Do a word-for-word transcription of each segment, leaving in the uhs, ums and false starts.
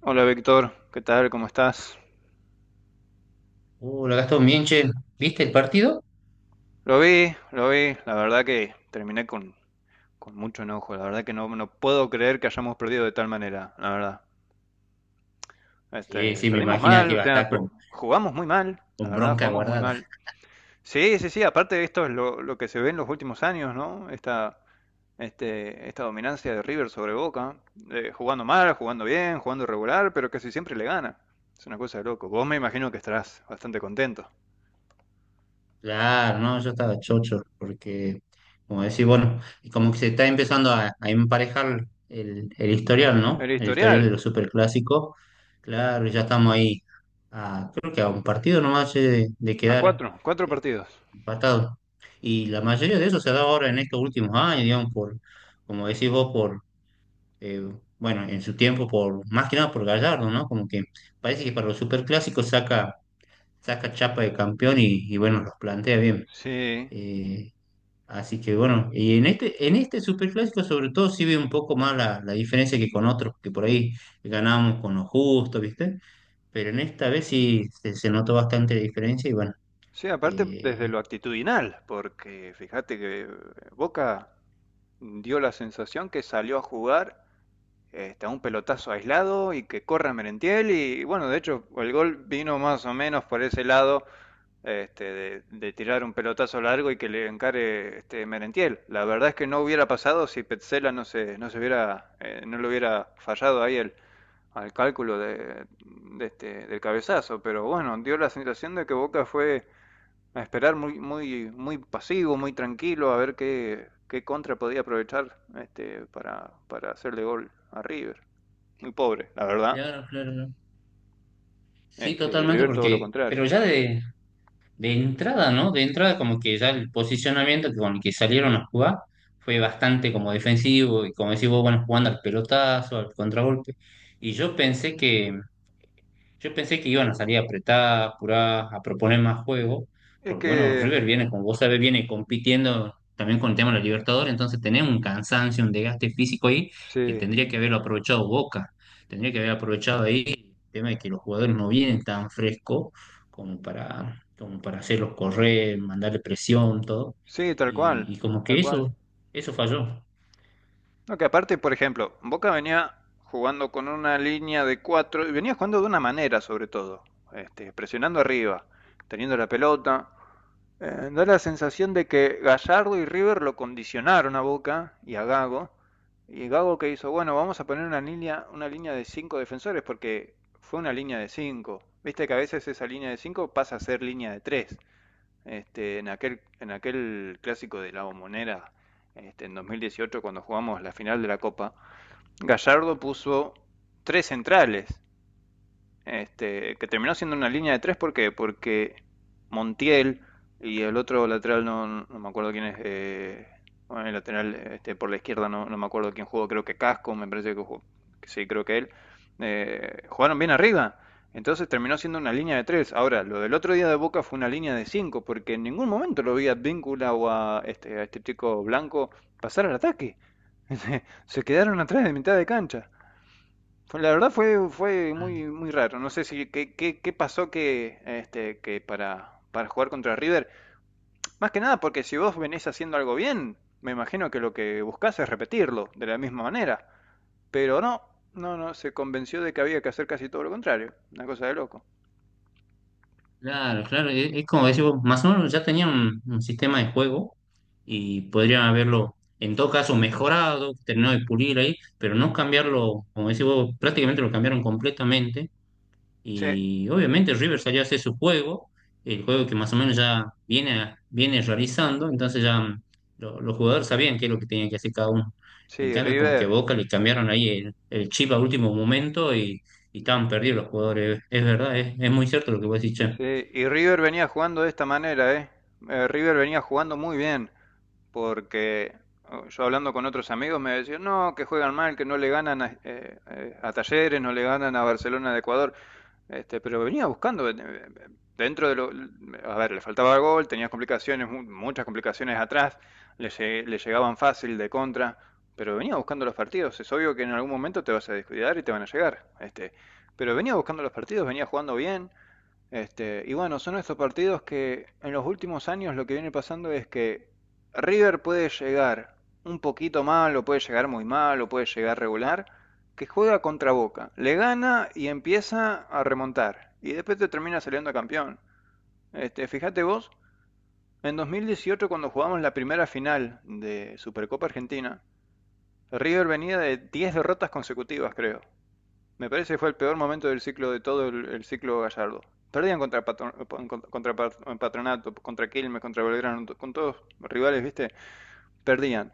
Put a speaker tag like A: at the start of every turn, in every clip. A: Hola Víctor, ¿qué tal? ¿Cómo estás?
B: Uh, lo gastó bien, che. ¿Viste el partido?
A: Lo vi, lo vi, la verdad que terminé con, con mucho enojo, la verdad que no, no puedo creer que hayamos perdido de tal manera, la verdad.
B: Sí,
A: Este,
B: sí, me
A: perdimos
B: imagino
A: mal,
B: que
A: o
B: iba a
A: sea,
B: estar
A: per-
B: con,
A: jugamos muy mal, la
B: con
A: verdad,
B: bronca
A: jugamos muy
B: guardada.
A: mal. Sí, sí, sí, aparte esto es lo, lo que se ve en los últimos años, ¿no? Esta, este, esta dominancia de River sobre Boca, eh, jugando mal, jugando bien, jugando regular, pero casi siempre le gana. Es una cosa de loco. Vos me imagino que estarás bastante contento.
B: Claro, no, yo estaba chocho, porque, como decís, bueno, y como que se está empezando a, a emparejar el, el historial, ¿no?
A: El
B: El historial
A: historial.
B: de los superclásicos. Claro, ya estamos ahí, a, creo que a un partido nomás che, de, de
A: A
B: quedar
A: cuatro, cuatro
B: eh,
A: partidos.
B: empatados. Y la mayoría de eso se ha dado ahora en estos últimos años, digamos, por, como decís vos, por eh, bueno, en su tiempo, por más que nada por Gallardo, ¿no? Como que parece que para los superclásicos saca, saca chapa de campeón y, y bueno, los plantea bien.
A: Sí,
B: Eh, así que bueno, y en este, en este superclásico sobre todo sí ve un poco más la, la diferencia que con otros, que por ahí ganábamos con lo justo, ¿viste? Pero en esta vez sí se, se notó bastante la diferencia y bueno.
A: sí, aparte desde
B: eh,
A: lo actitudinal, porque fíjate que Boca dio la sensación que salió a jugar este, a un pelotazo aislado y que corra Merentiel, y bueno, de hecho el gol vino más o menos por ese lado, este, de, de, tirar un pelotazo largo y que le encare, este, Merentiel. La verdad es que no hubiera pasado si Petzela no se, no se hubiera, eh, no lo hubiera fallado ahí el, al cálculo de, de este, del cabezazo, pero bueno, dio la sensación de que Boca fue a esperar muy, muy, muy pasivo, muy tranquilo, a ver qué, qué contra podía aprovechar, este, para, para hacerle gol a River. Muy pobre, la verdad.
B: claro, claro, claro. Sí,
A: Este, y
B: totalmente,
A: River todo lo
B: porque,
A: contrario.
B: pero ya de, de entrada, ¿no? De entrada, como que ya el posicionamiento que- con el que salieron a jugar fue bastante como defensivo y como decís vos, bueno, jugando al pelotazo, al contragolpe. Y yo pensé que, yo pensé que iban a salir apretadas, apuradas, a proponer más juego,
A: Es
B: porque bueno,
A: que.
B: River viene, como vos sabés, viene compitiendo también con el tema de la Libertadores, entonces tenés un cansancio, un desgaste físico ahí que
A: Sí,
B: tendría que haberlo aprovechado Boca, tendría que haber aprovechado ahí el tema de que los jugadores no vienen tan frescos como para, como para hacerlos correr, mandarle presión, todo,
A: sí, tal
B: y,
A: cual,
B: y como
A: tal
B: que
A: cual.
B: eso, eso falló.
A: No, que aparte, por ejemplo, Boca venía jugando con una línea de cuatro, y venía jugando de una manera sobre todo, este, presionando arriba, teniendo la pelota. Eh, da la sensación de que Gallardo y River lo condicionaron a Boca y a Gago. Y Gago, que hizo, bueno, vamos a poner una línea, una línea de cinco defensores, porque fue una línea de cinco. Viste que a veces esa línea de cinco pasa a ser línea de tres. Este, en aquel, en aquel clásico de la Bombonera, este, en dos mil dieciocho, cuando jugamos la final de la Copa, Gallardo puso tres centrales, este, que terminó siendo una línea de tres. ¿Por qué? Porque Montiel y el otro lateral, no, no me acuerdo quién es, eh, bueno, el lateral, este, por la izquierda, no, no me acuerdo quién jugó, creo que Casco, me parece que jugó, sí, creo que él, eh, jugaron bien arriba. Entonces terminó siendo una línea de tres. Ahora, lo del otro día de Boca fue una línea de cinco, porque en ningún momento lo vi a Víncula o a este, a este chico blanco pasar al ataque. Se quedaron atrás de mitad de cancha. Fue- La verdad fue, fue muy, muy raro. No sé si qué, qué, qué pasó, que, este, que para, para jugar contra River. Más que nada porque si vos venís haciendo algo bien, me imagino que lo que buscás es repetirlo de la misma manera. Pero no, no, no, se convenció de que había que hacer casi todo lo contrario. Una cosa de loco.
B: Claro, claro, es, es como decís vos, más o menos ya tenían un, un sistema de juego y podrían haberlo, en todo caso, mejorado, terminado de pulir ahí, pero no cambiarlo, como decís vos, prácticamente lo cambiaron completamente
A: Sí,
B: y obviamente River salió a hacer su juego, el juego que más o menos ya viene, viene realizando, entonces ya mm, lo- los jugadores sabían qué es lo que tenían que hacer cada uno. En
A: sí,
B: cambio, como que a
A: River.
B: Boca le cambiaron ahí el, el chip a último momento y, y estaban perdidos los jugadores, es es verdad, es, es muy cierto lo que vos decís, che.
A: Sí, y River venía jugando de esta manera, ¿eh? Eh, River venía jugando muy bien. Porque oh, yo hablando con otros amigos me decían, no, que juegan mal, que no le ganan a, eh, eh, a Talleres, no le ganan a Barcelona de Ecuador. Este, pero venía buscando, eh, dentro de lo. A ver, le faltaba gol, tenía complicaciones, muchas complicaciones atrás, le, le llegaban fácil de contra, pero venía buscando los partidos. Es obvio que en algún momento te vas a descuidar y te van a llegar. Este, pero venía buscando los partidos, venía jugando bien, este, y bueno, son estos partidos que en los últimos años lo que viene pasando es que River puede llegar un poquito mal, o puede llegar muy mal, o puede llegar regular, que juega contra Boca, le gana y empieza a remontar, y después te termina saliendo campeón. Este, fíjate vos, en dos mil dieciocho, cuando jugamos la primera final de Supercopa Argentina, River venía de diez derrotas consecutivas, creo. Me parece que fue el peor momento del ciclo, de todo el, el ciclo Gallardo. Perdían contra, Patro- pon- contra, Pat- Patronato, contra Quilmes, contra Belgrano, con todos rivales, ¿viste? Perdían.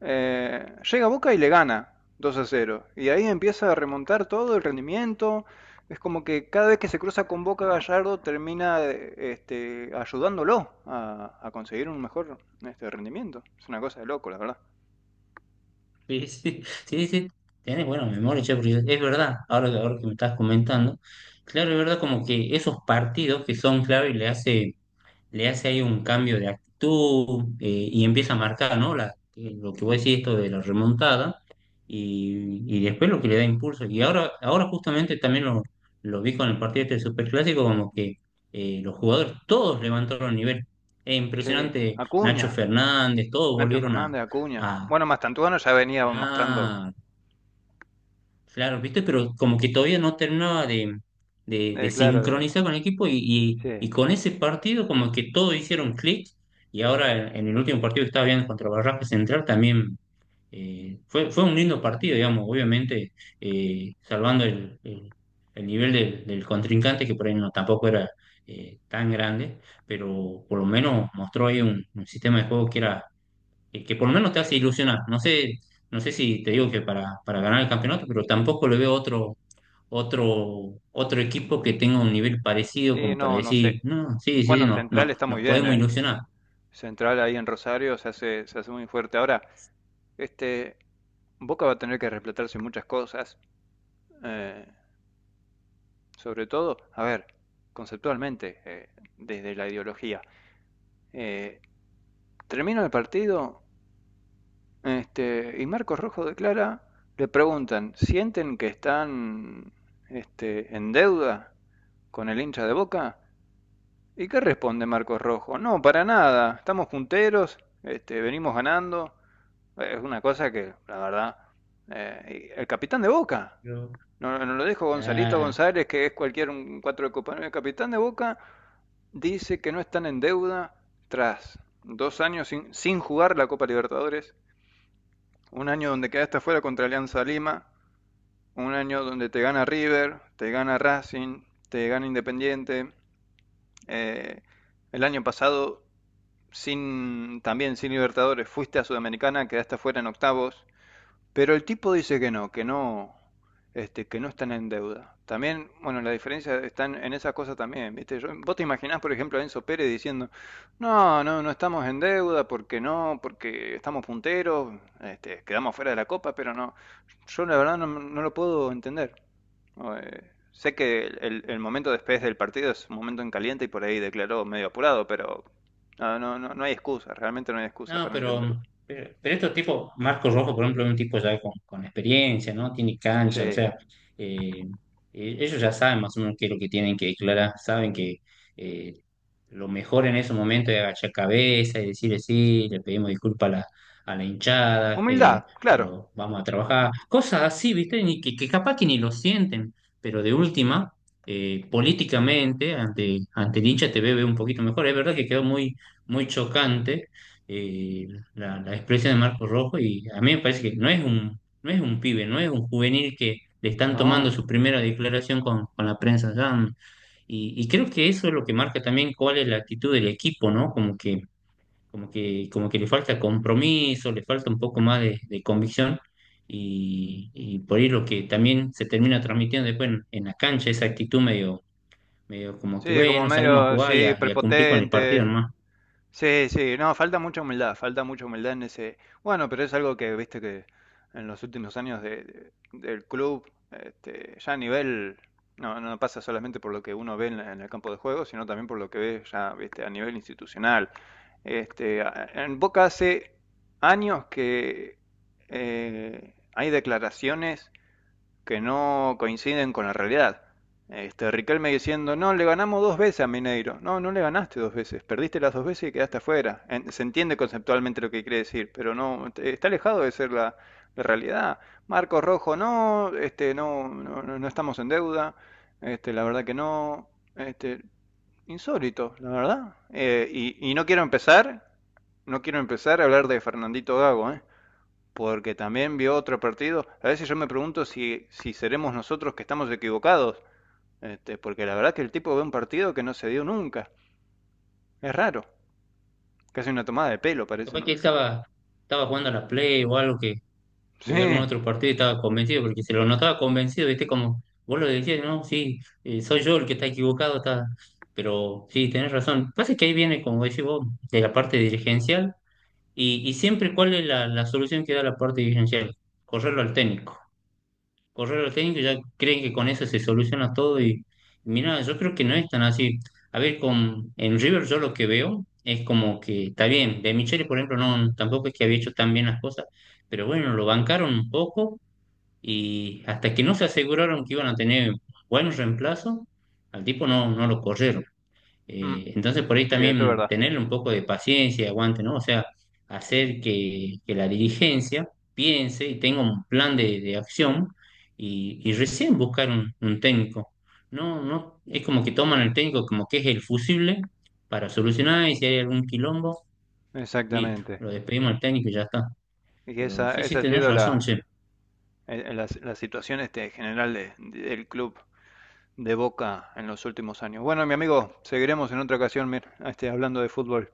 A: Eh, llega Boca y le gana dos a cero, y ahí empieza a remontar todo el rendimiento. Es como que cada vez que se cruza con Boca, Gallardo termina, eh, este, ayudándolo a, a conseguir un mejor, este, rendimiento. Es una cosa de loco, la verdad.
B: Sí, sí, sí, sí, tenés buena memoria, che, porque es verdad, ahora, que- ahora que me estás comentando, claro, es verdad como que esos partidos que son clave le hace, le hace ahí un cambio de actitud, eh, y empieza a marcar, ¿no? La, eh, lo que voy a decir esto de la remontada y, y después lo que le da impulso. Y ahora, ahora justamente también lo, lo vi con el partido este del Superclásico, como que eh, los jugadores todos levantaron el nivel. Es
A: Sí,
B: impresionante, Nacho
A: Acuña,
B: Fernández, todos
A: Nacho
B: volvieron a...
A: Fernández, Acuña.
B: a-
A: Bueno, Mastantuono ya venía mostrando.
B: Ah, Claro, viste, pero como que todavía no terminaba de, de, de
A: Eh, claro, de,
B: sincronizar con el equipo y, y-
A: sí.
B: y con ese partido como que todos hicieron clic y ahora en, en el último partido que estaba viendo contra Barracas Central también, eh, fue, fue un lindo partido, digamos, obviamente, eh, salvando el, el- el nivel del, del contrincante que por ahí no tampoco era eh, tan grande, pero por lo menos mostró ahí un, un sistema de juego que era eh, que por lo menos te hace ilusionar. No sé, no sé si te digo que para, para ganar el campeonato, pero tampoco le veo otro, otro, otro equipo que tenga un nivel parecido
A: Y
B: como para
A: no, no sé.
B: decir, no, sí, sí, sí,
A: Bueno,
B: no,
A: Central
B: no,
A: está
B: nos
A: muy bien,
B: podemos
A: ¿eh?
B: ilusionar.
A: Central ahí en Rosario se hace, se hace muy fuerte. Ahora, este, Boca va a tener que replantarse muchas cosas. eh, sobre todo, a ver, conceptualmente, eh, desde la ideología. Eh, termina el partido, este, y Marcos Rojo declara, le preguntan, ¿sienten que están, este, en deuda con el hincha de Boca? ¿Y qué responde Marcos Rojo? No, para nada. Estamos punteros, este, venimos ganando. Es una cosa que, la verdad. eh, el capitán de Boca.
B: Yo,
A: No, no lo dijo Gonzalito
B: ya
A: González, que es cualquier un cuatro de Copa. No, El capitán de Boca dice que no están en deuda tras dos años sin, sin jugar la Copa Libertadores. Un año donde quedaste fuera contra Alianza Lima. Un año donde te gana River, te gana Racing, te gana Independiente. Eh, el año pasado, sin, también sin Libertadores, fuiste a Sudamericana, quedaste afuera en octavos, pero el tipo dice que no, que no, este, que no están en deuda. También, bueno, la diferencia está en, en esa cosa también, ¿viste? Yo- vos te imaginás, por ejemplo, a Enzo Pérez diciendo, no, no, no estamos en deuda, porque no, porque estamos punteros, este, quedamos fuera de la Copa, pero no, yo la verdad no, no lo puedo entender. No, eh, sé que el, el- el momento después del partido es un momento en caliente, y por ahí declaró medio apurado, pero no, no, no, no hay excusa, realmente no hay excusa
B: No,
A: para
B: pero,
A: entenderlo.
B: pero, pero estos tipos, Marco Rojo, por ejemplo, es un tipo ya con, con experiencia, ¿no? Tiene
A: Sí.
B: cancha, o sea, eh, eh, ellos ya saben más o menos qué es lo que tienen que declarar, saben que eh, lo mejor en ese momento es agachar cabeza y decirle sí, le pedimos disculpas a la, a la hinchada, eh,
A: Humildad, claro.
B: pero vamos a trabajar, cosas así, ¿viste? Ni que, Que capaz que ni lo sienten, pero de última, eh, políticamente, ante, ante el hincha te ve ve un poquito mejor. Es verdad que quedó muy, muy chocante, eh, la, la expresión de Marco Rojo y a mí me parece que no es un, no es un pibe, no es un juvenil que le están tomando
A: No.
B: su primera declaración con, con la prensa. ya, mm, Y, y creo que eso es lo que marca también cuál es la actitud del equipo, ¿no? Como que, como que, como que le falta compromiso, le falta un poco más de, de convicción. Y, y por ahí lo que también se termina transmitiendo después en, en la cancha, esa actitud medio, medio como que,
A: Sí, como
B: bueno, salimos a
A: medio,
B: jugar y
A: sí,
B: a, y a cumplir con el partido,
A: prepotente.
B: ¿no?
A: Sí, sí, no, falta mucha humildad, falta mucha humildad en ese. Bueno, pero es algo que, viste, que en los últimos años de- de- del club, este, ya a nivel, no, no pasa solamente por lo que uno ve en, la- en el campo de juego, sino también por lo que ve ya, viste, a nivel institucional. Este, a- en Boca hace años que eh, hay declaraciones que no coinciden con la realidad. Este, Riquelme diciendo, no, le ganamos dos veces a Mineiro. No, no le ganaste dos veces, perdiste las dos veces y quedaste afuera. En- se entiende conceptualmente lo que quiere decir, pero no, está alejado de ser la, la realidad. Marcos Rojo, no, este, no, no, no- no estamos en deuda, este, la verdad que no, este, insólito, la verdad. Eh, y, y no quiero empezar, no quiero empezar a hablar de Fernandito Gago, ¿eh? Porque también vio otro partido. A veces yo me pregunto si, si seremos nosotros que estamos equivocados, este, porque la verdad que el tipo ve un partido que no se dio nunca. Es raro, casi una tomada de pelo parece,
B: Capaz que
A: ¿no?
B: estaba, estaba jugando a la Play o algo que, que vi algún
A: Sí,
B: otro partido y estaba convencido, porque se lo notaba convencido, viste, como vos lo decías, no, sí, eh, soy yo el que está equivocado, está... pero sí, tenés razón. Pasa que ahí viene, como decís vos, de la parte dirigencial, y, y siempre cuál es la, la solución que da la parte dirigencial, correrlo al técnico correr al técnico, ya creen que con eso se soluciona todo y mira, yo creo que no es tan así. A ver, con en River yo lo que veo es como que está bien, de Michele, por ejemplo, no tampoco es que había hecho tan bien las cosas, pero bueno, lo bancaron un poco y hasta que no se aseguraron que iban a tener buenos reemplazos, al tipo no, no lo corrieron.
A: Mm.
B: Eh, entonces, por ahí
A: sí, eso es
B: también
A: verdad.
B: tener un poco de paciencia y aguante, ¿no? O sea, hacer que, que la dirigencia piense y tenga un plan de, de acción y, y recién buscar un, un técnico. No, no, es como que toman el técnico como que es el fusible para solucionar y si hay algún quilombo, listo,
A: Exactamente.
B: lo despedimos al técnico y ya está.
A: Y
B: Pero
A: esa,
B: sí, sí,
A: esa ha
B: tenés
A: sido
B: razón,
A: la,
B: che.
A: eh, la, la situación, este, general de- del club de Boca en los últimos años. Bueno, mi amigo, seguiremos en otra ocasión, mir- este, hablando de fútbol.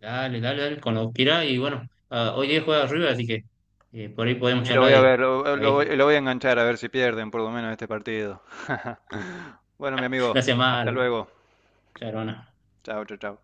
B: Dale, dale, dale, con lo que irá y bueno, ah, hoy día juega arriba, así que eh, por ahí podemos
A: Y lo
B: charlar
A: voy a
B: de,
A: ver, lo,
B: a
A: lo-
B: ver,
A: lo voy a enganchar a ver si pierden por lo menos este partido. Bueno, mi amigo,
B: gracias más,
A: hasta luego.
B: Charona.
A: Chao, chao, chao.